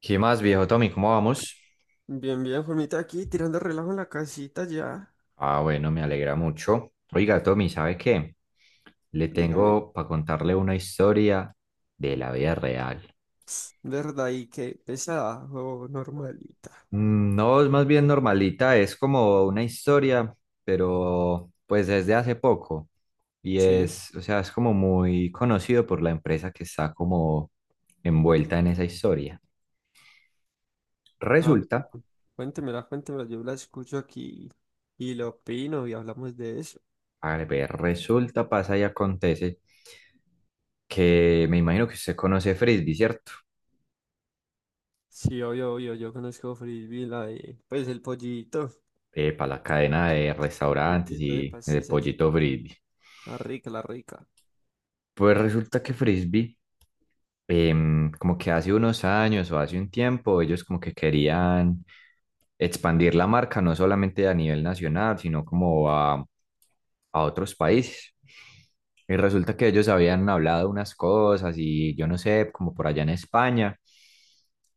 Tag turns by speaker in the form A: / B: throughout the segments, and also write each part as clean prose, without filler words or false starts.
A: ¿Qué más, viejo Tommy? ¿Cómo vamos?
B: Bien, bien, Juanita, aquí tirando relajo en la casita ya.
A: Ah, bueno, me alegra mucho. Oiga, Tommy, ¿sabe qué? Le
B: Dígame,
A: tengo para contarle una historia de la vida real.
B: ¿verdad? ¿Y qué, pesada o normalita?
A: No, es más bien normalita, es como una historia, pero pues desde hace poco. Y
B: Sí,
A: es, o sea, es como muy conocido por la empresa que está como envuelta en esa historia.
B: ah,
A: Resulta,
B: mira, cuéntemela, yo la escucho aquí y lo opino y hablamos de eso.
A: a ver, resulta, pasa y acontece que me imagino que usted conoce Frisbee, ¿cierto?
B: Sí, obvio, obvio, yo conozco Frisbee, la de, pues
A: Para la cadena de
B: el
A: restaurantes
B: pollito de
A: y de
B: pastisas,
A: pollito frisbee.
B: la rica.
A: Pues resulta que frisbee como que hace unos años o hace un tiempo, ellos como que querían expandir la marca no solamente a nivel nacional, sino como a otros países. Y resulta que ellos habían hablado unas cosas y yo no sé, como por allá en España.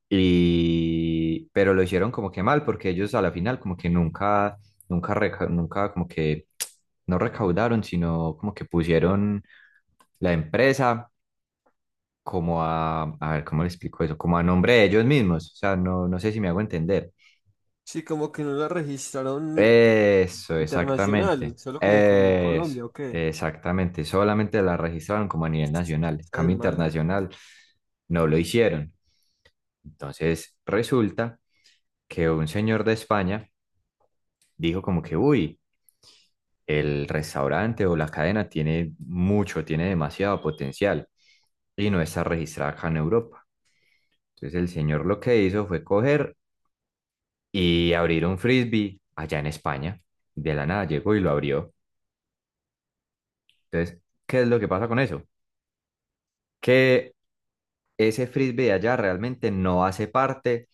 A: Y, pero lo hicieron como que mal, porque ellos a la final como que nunca, nunca, nunca como que no recaudaron, sino como que pusieron la empresa como a ver, ¿cómo le explico eso? Como a nombre de ellos mismos. O sea, no, no sé si me hago entender.
B: Sí, como que no la registraron
A: Eso, exactamente.
B: internacional, solo como en
A: Eso,
B: Colombia, ¿o qué?
A: exactamente. Solamente la registraron como a nivel nacional. En
B: Esa es
A: cambio
B: mala.
A: internacional, no lo hicieron. Entonces, resulta que un señor de España dijo como que, uy, el restaurante o la cadena tiene mucho, tiene demasiado potencial y no está registrada acá en Europa. Entonces el señor lo que hizo fue coger y abrir un frisbee allá en España. De la nada llegó y lo abrió. Entonces, ¿qué es lo que pasa con eso? Que ese frisbee de allá realmente no hace parte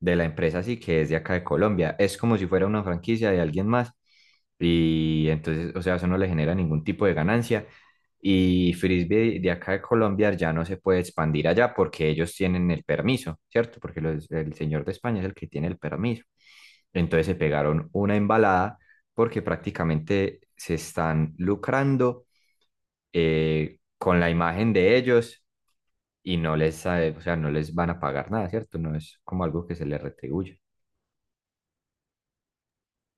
A: de la empresa, así que es de acá de Colombia. Es como si fuera una franquicia de alguien más. Y entonces, o sea, eso no le genera ningún tipo de ganancia. Y frisbee de acá de Colombia ya no se puede expandir allá porque ellos tienen el permiso, ¿cierto? Porque el señor de España es el que tiene el permiso. Entonces se pegaron una embalada porque prácticamente se están lucrando con la imagen de ellos y no les, o sea, no les van a pagar nada, ¿cierto? No es como algo que se les retribuye.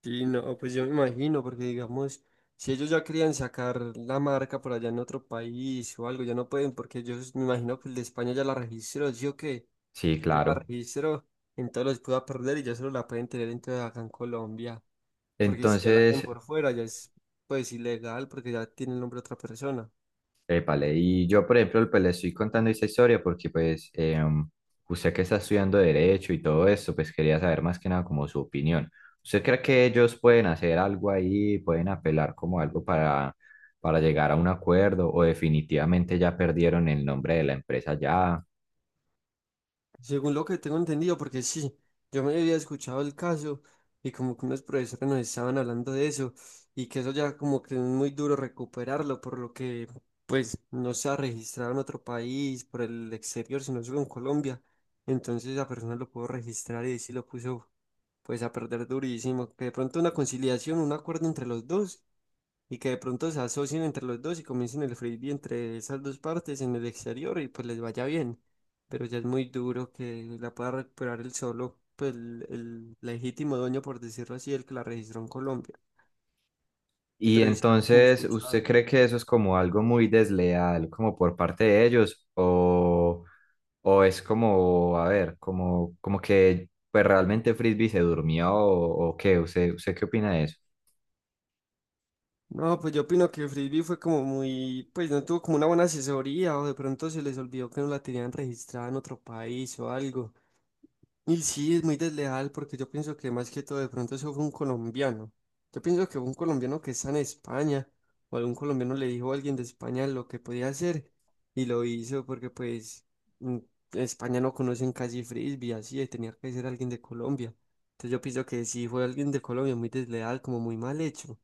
B: Sí, no, pues yo me imagino, porque digamos, si ellos ya querían sacar la marca por allá en otro país o algo, ya no pueden, porque yo me imagino que el de España ya la registró, ¿sí o qué?
A: Sí,
B: Ya la
A: claro.
B: registró, entonces los pueda perder y ya solo la pueden tener entonces acá en Colombia, porque si ya la ven
A: Entonces,
B: por fuera, ya es pues ilegal, porque ya tiene el nombre de otra persona.
A: épale, y yo, por ejemplo, pues le estoy contando esta historia porque, pues, usted que está estudiando Derecho y todo eso, pues quería saber más que nada como su opinión. ¿Usted cree que ellos pueden hacer algo ahí, pueden apelar como algo para llegar a un acuerdo o definitivamente ya perdieron el nombre de la empresa ya?
B: Según lo que tengo entendido, porque sí, yo me había escuchado el caso y como que unos profesores nos estaban hablando de eso y que eso ya como que es muy duro recuperarlo, por lo que pues no se ha registrado en otro país, por el exterior, sino solo en Colombia. Entonces la persona lo pudo registrar y sí lo puso pues a perder durísimo. Que de pronto una conciliación, un acuerdo entre los dos y que de pronto se asocien entre los dos y comiencen el frisbee entre esas dos partes en el exterior y pues les vaya bien. Pero ya es muy duro que la pueda recuperar el solo, pues el legítimo dueño, por decirlo así, el que la registró en Colombia.
A: Y
B: Pero yo sí, como he
A: entonces, ¿usted
B: escuchado.
A: cree que eso es como algo muy desleal, como por parte de ellos? O es como, a ver, como, como que pues realmente Frisbee se durmió o qué? ¿Usted qué opina de eso?
B: No, pues yo opino que el frisbee fue como muy, pues no tuvo como una buena asesoría o de pronto se les olvidó que no la tenían registrada en otro país o algo. Y sí, es muy desleal porque yo pienso que más que todo de pronto eso fue un colombiano. Yo pienso que fue un colombiano que está en España o algún colombiano le dijo a alguien de España lo que podía hacer y lo hizo porque pues mm, en España no conocen casi frisbee, así, tenía que ser alguien de Colombia. Entonces yo pienso que sí fue alguien de Colombia muy desleal, como muy mal hecho.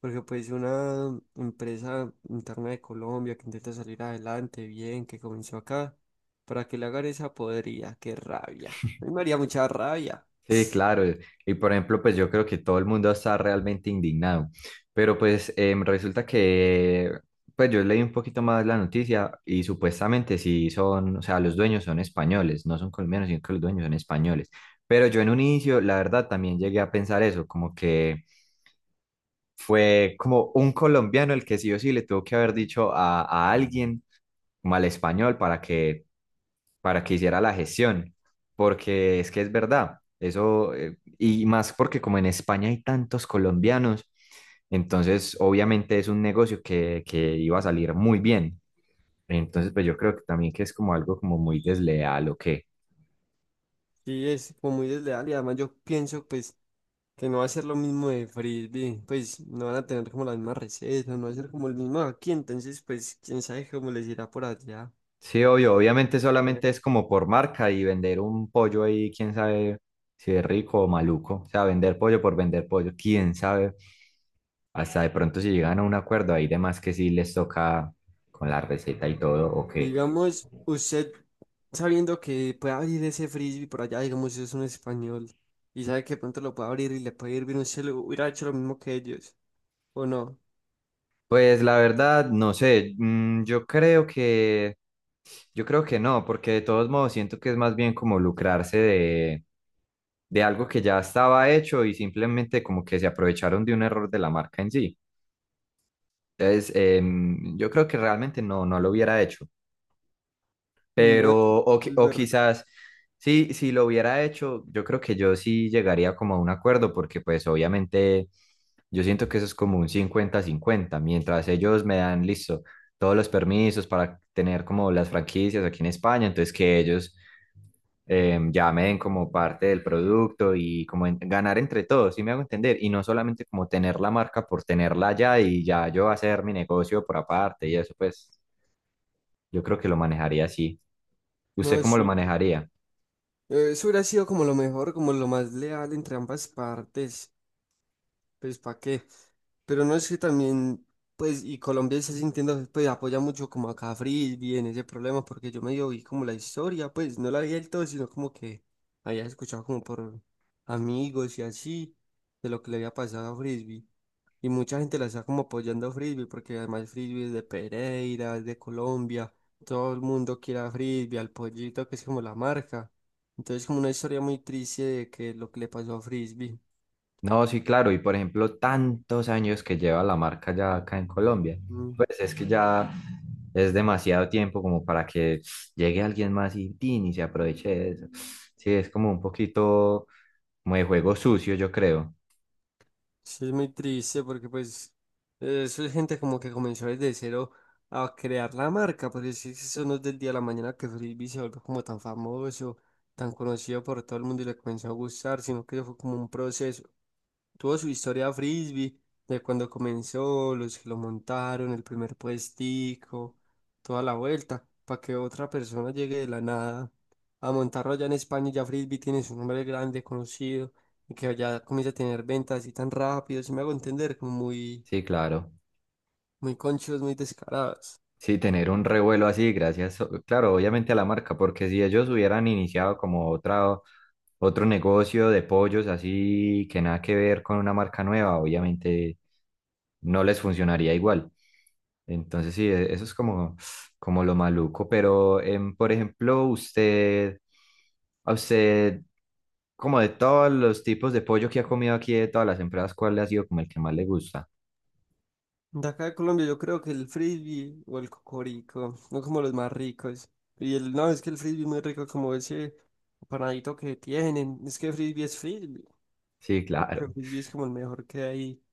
B: Porque pues si una empresa interna de Colombia que intenta salir adelante bien, que comenzó acá, para que le hagan esa podrida, qué rabia. A mí me haría mucha rabia.
A: Sí, claro. Y por ejemplo, pues yo creo que todo el mundo está realmente indignado. Pero pues resulta que, pues yo leí un poquito más la noticia y supuestamente sí son, o sea, los dueños son españoles, no son colombianos, sino que los dueños son españoles. Pero yo en un inicio, la verdad, también llegué a pensar eso, como que fue como un colombiano el que sí o sí le tuvo que haber dicho a alguien, como al español, para que hiciera la gestión, porque es que es verdad, eso, y más porque como en España hay tantos colombianos, entonces obviamente es un negocio que iba a salir muy bien. Entonces, pues yo creo que también que es como algo como muy desleal o qué.
B: Sí, es como muy desleal y además yo pienso pues que no va a ser lo mismo de frisbee, pues no van a tener como la misma receta, no va a ser como el mismo aquí, entonces pues quién sabe cómo les irá por allá.
A: Sí, obvio, obviamente solamente es como por marca y vender un pollo ahí, quién sabe si es rico o maluco. O sea, vender pollo por vender pollo, quién sabe. Hasta de pronto si llegan a un acuerdo, hay demás que sí les toca con la receta y todo, o qué.
B: Digamos, usted sabiendo que puede abrir ese frisbee por allá, digamos, si es un español y sabe que pronto lo puede abrir y le puede ir bien, usted lo hubiera hecho lo mismo que ellos, ¿o no?
A: Pues la verdad, no sé, yo creo que no, porque de todos modos siento que es más bien como lucrarse de algo que ya estaba hecho y simplemente como que se aprovecharon de un error de la marca en sí. Entonces, yo creo que realmente no, no lo hubiera hecho.
B: No, sí,
A: Pero, o,
B: es
A: o
B: verdad.
A: quizás, sí, si lo hubiera hecho, yo creo que yo sí llegaría como a un acuerdo, porque pues obviamente yo siento que eso es como un cincuenta-cincuenta mientras ellos me dan, listo, todos los permisos para tener como las franquicias aquí en España, entonces que ellos ya me den como parte del producto y como ganar entre todos, ¿sí me hago entender? Y no solamente como tener la marca por tenerla ya y ya yo hacer mi negocio por aparte y eso pues. Yo creo que lo manejaría así. ¿Usted
B: No,
A: cómo lo
B: sí.
A: manejaría?
B: Eso hubiera sido como lo mejor, como lo más leal entre ambas partes. Pues, ¿para qué? Pero no es que también, pues, y Colombia está sintiendo, pues, apoya mucho como a Cafri en ese problema, porque yo medio vi como la historia, pues, no la vi del todo, sino como que había escuchado como por amigos y así, de lo que le había pasado a Frisbee. Y mucha gente la está como apoyando a Frisbee, porque además Frisbee es de Pereira, es de Colombia, todo el mundo quiere a Frisbee, al pollito, que es como la marca. Entonces, como una historia muy triste de que lo que le pasó a Frisbee.
A: No, sí, claro. Y por ejemplo, tantos años que lleva la marca ya acá en Colombia.
B: Mm.
A: Pues es que ya es demasiado tiempo como para que llegue alguien más y, tin, y se aproveche de eso. Sí, es como un poquito como de juego sucio, yo creo.
B: Sí, es muy triste porque pues eso es gente como que comenzó desde cero a crear la marca, porque si eso no es del día a la mañana que Frisbee se volvió como tan famoso, tan conocido por todo el mundo y le comenzó a gustar, sino que eso fue como un proceso. Tuvo su historia Frisbee, de cuando comenzó, los que lo montaron, el primer puestico, toda la vuelta, para que otra persona llegue de la nada a montarlo allá en España, y ya Frisbee tiene su nombre grande, conocido y que ya comience a tener ventas así tan rápido, si me hago entender, como muy,
A: Sí, claro.
B: muy conchos, muy descarados.
A: Sí, tener un revuelo así, gracias, o- claro, obviamente a la marca, porque si ellos hubieran iniciado como otra, otro negocio de pollos así que nada que ver con una marca nueva, obviamente no les funcionaría igual. Entonces sí, eso es como, como lo maluco, pero por ejemplo, usted, a usted, como de todos los tipos de pollo que ha comido aquí, de todas las empresas, ¿cuál le ha sido como el que más le gusta?
B: De acá de Colombia yo creo que el frisbee o el cocorico son como los más ricos. Y el, no, es que el frisbee es muy rico como ese panadito que tienen. Es que frisbee es frisbee.
A: Sí,
B: Creo que el
A: claro.
B: frisbee es como el mejor que hay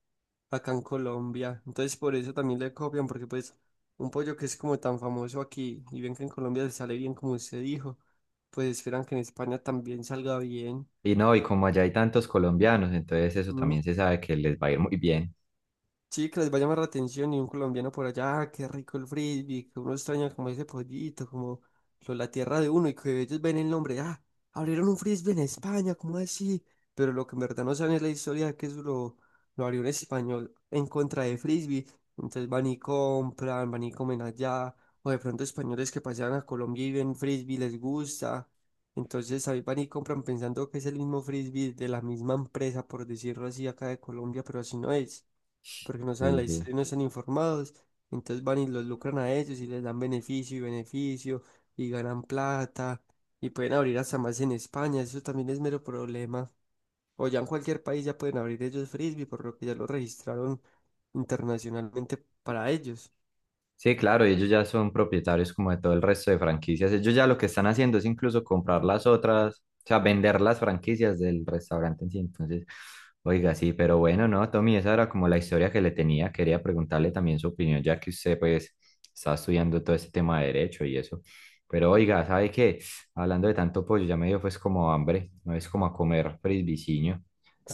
B: acá en Colombia. Entonces por eso también le copian, porque pues un pollo que es como tan famoso aquí y bien que en Colombia le sale bien como usted dijo, pues esperan que en España también salga bien.
A: Y no, y como allá hay tantos colombianos, entonces eso
B: Mm.
A: también se sabe que les va a ir muy bien.
B: Sí, que les va a llamar la atención y un colombiano por allá, "Ah, qué rico el frisbee, que uno extraña como ese pollito, como la tierra de uno y que ellos ven el nombre, ah, abrieron un frisbee en España, ¿cómo así?" Pero lo que en verdad no saben es la historia de que lo abrió un español en contra de frisbee, entonces van y compran, van y comen allá, o de pronto españoles que pasean a Colombia y ven frisbee, les gusta, entonces ahí van y compran pensando que es el mismo frisbee de la misma empresa, por decirlo así, acá de Colombia, pero así no es porque no
A: Sí,
B: saben la
A: sí.
B: historia y no están informados, entonces van y los lucran a ellos y les dan beneficio y beneficio y ganan plata y pueden abrir hasta más en España, eso también es mero problema. O ya en cualquier país ya pueden abrir ellos frisbee, por lo que ya lo registraron internacionalmente para ellos.
A: Sí, claro, y ellos ya son propietarios como de todo el resto de franquicias. Ellos ya lo que están haciendo es incluso comprar las otras, o sea, vender las franquicias del restaurante en sí. Entonces, oiga, sí, pero bueno, no, Tommy, esa era como la historia que le tenía. Quería preguntarle también su opinión, ya que usted pues está estudiando todo este tema de derecho y eso. Pero oiga, ¿sabe qué? Hablando de tanto pollo, ya me dio pues como hambre, no es como a comer frisbiciño.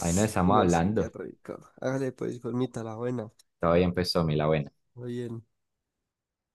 A: Ahí no
B: Y
A: estamos
B: no, sí, qué
A: hablando.
B: rico. Hágale pues, colmita, la buena.
A: Todavía empezó, mi la buena.
B: Muy bien.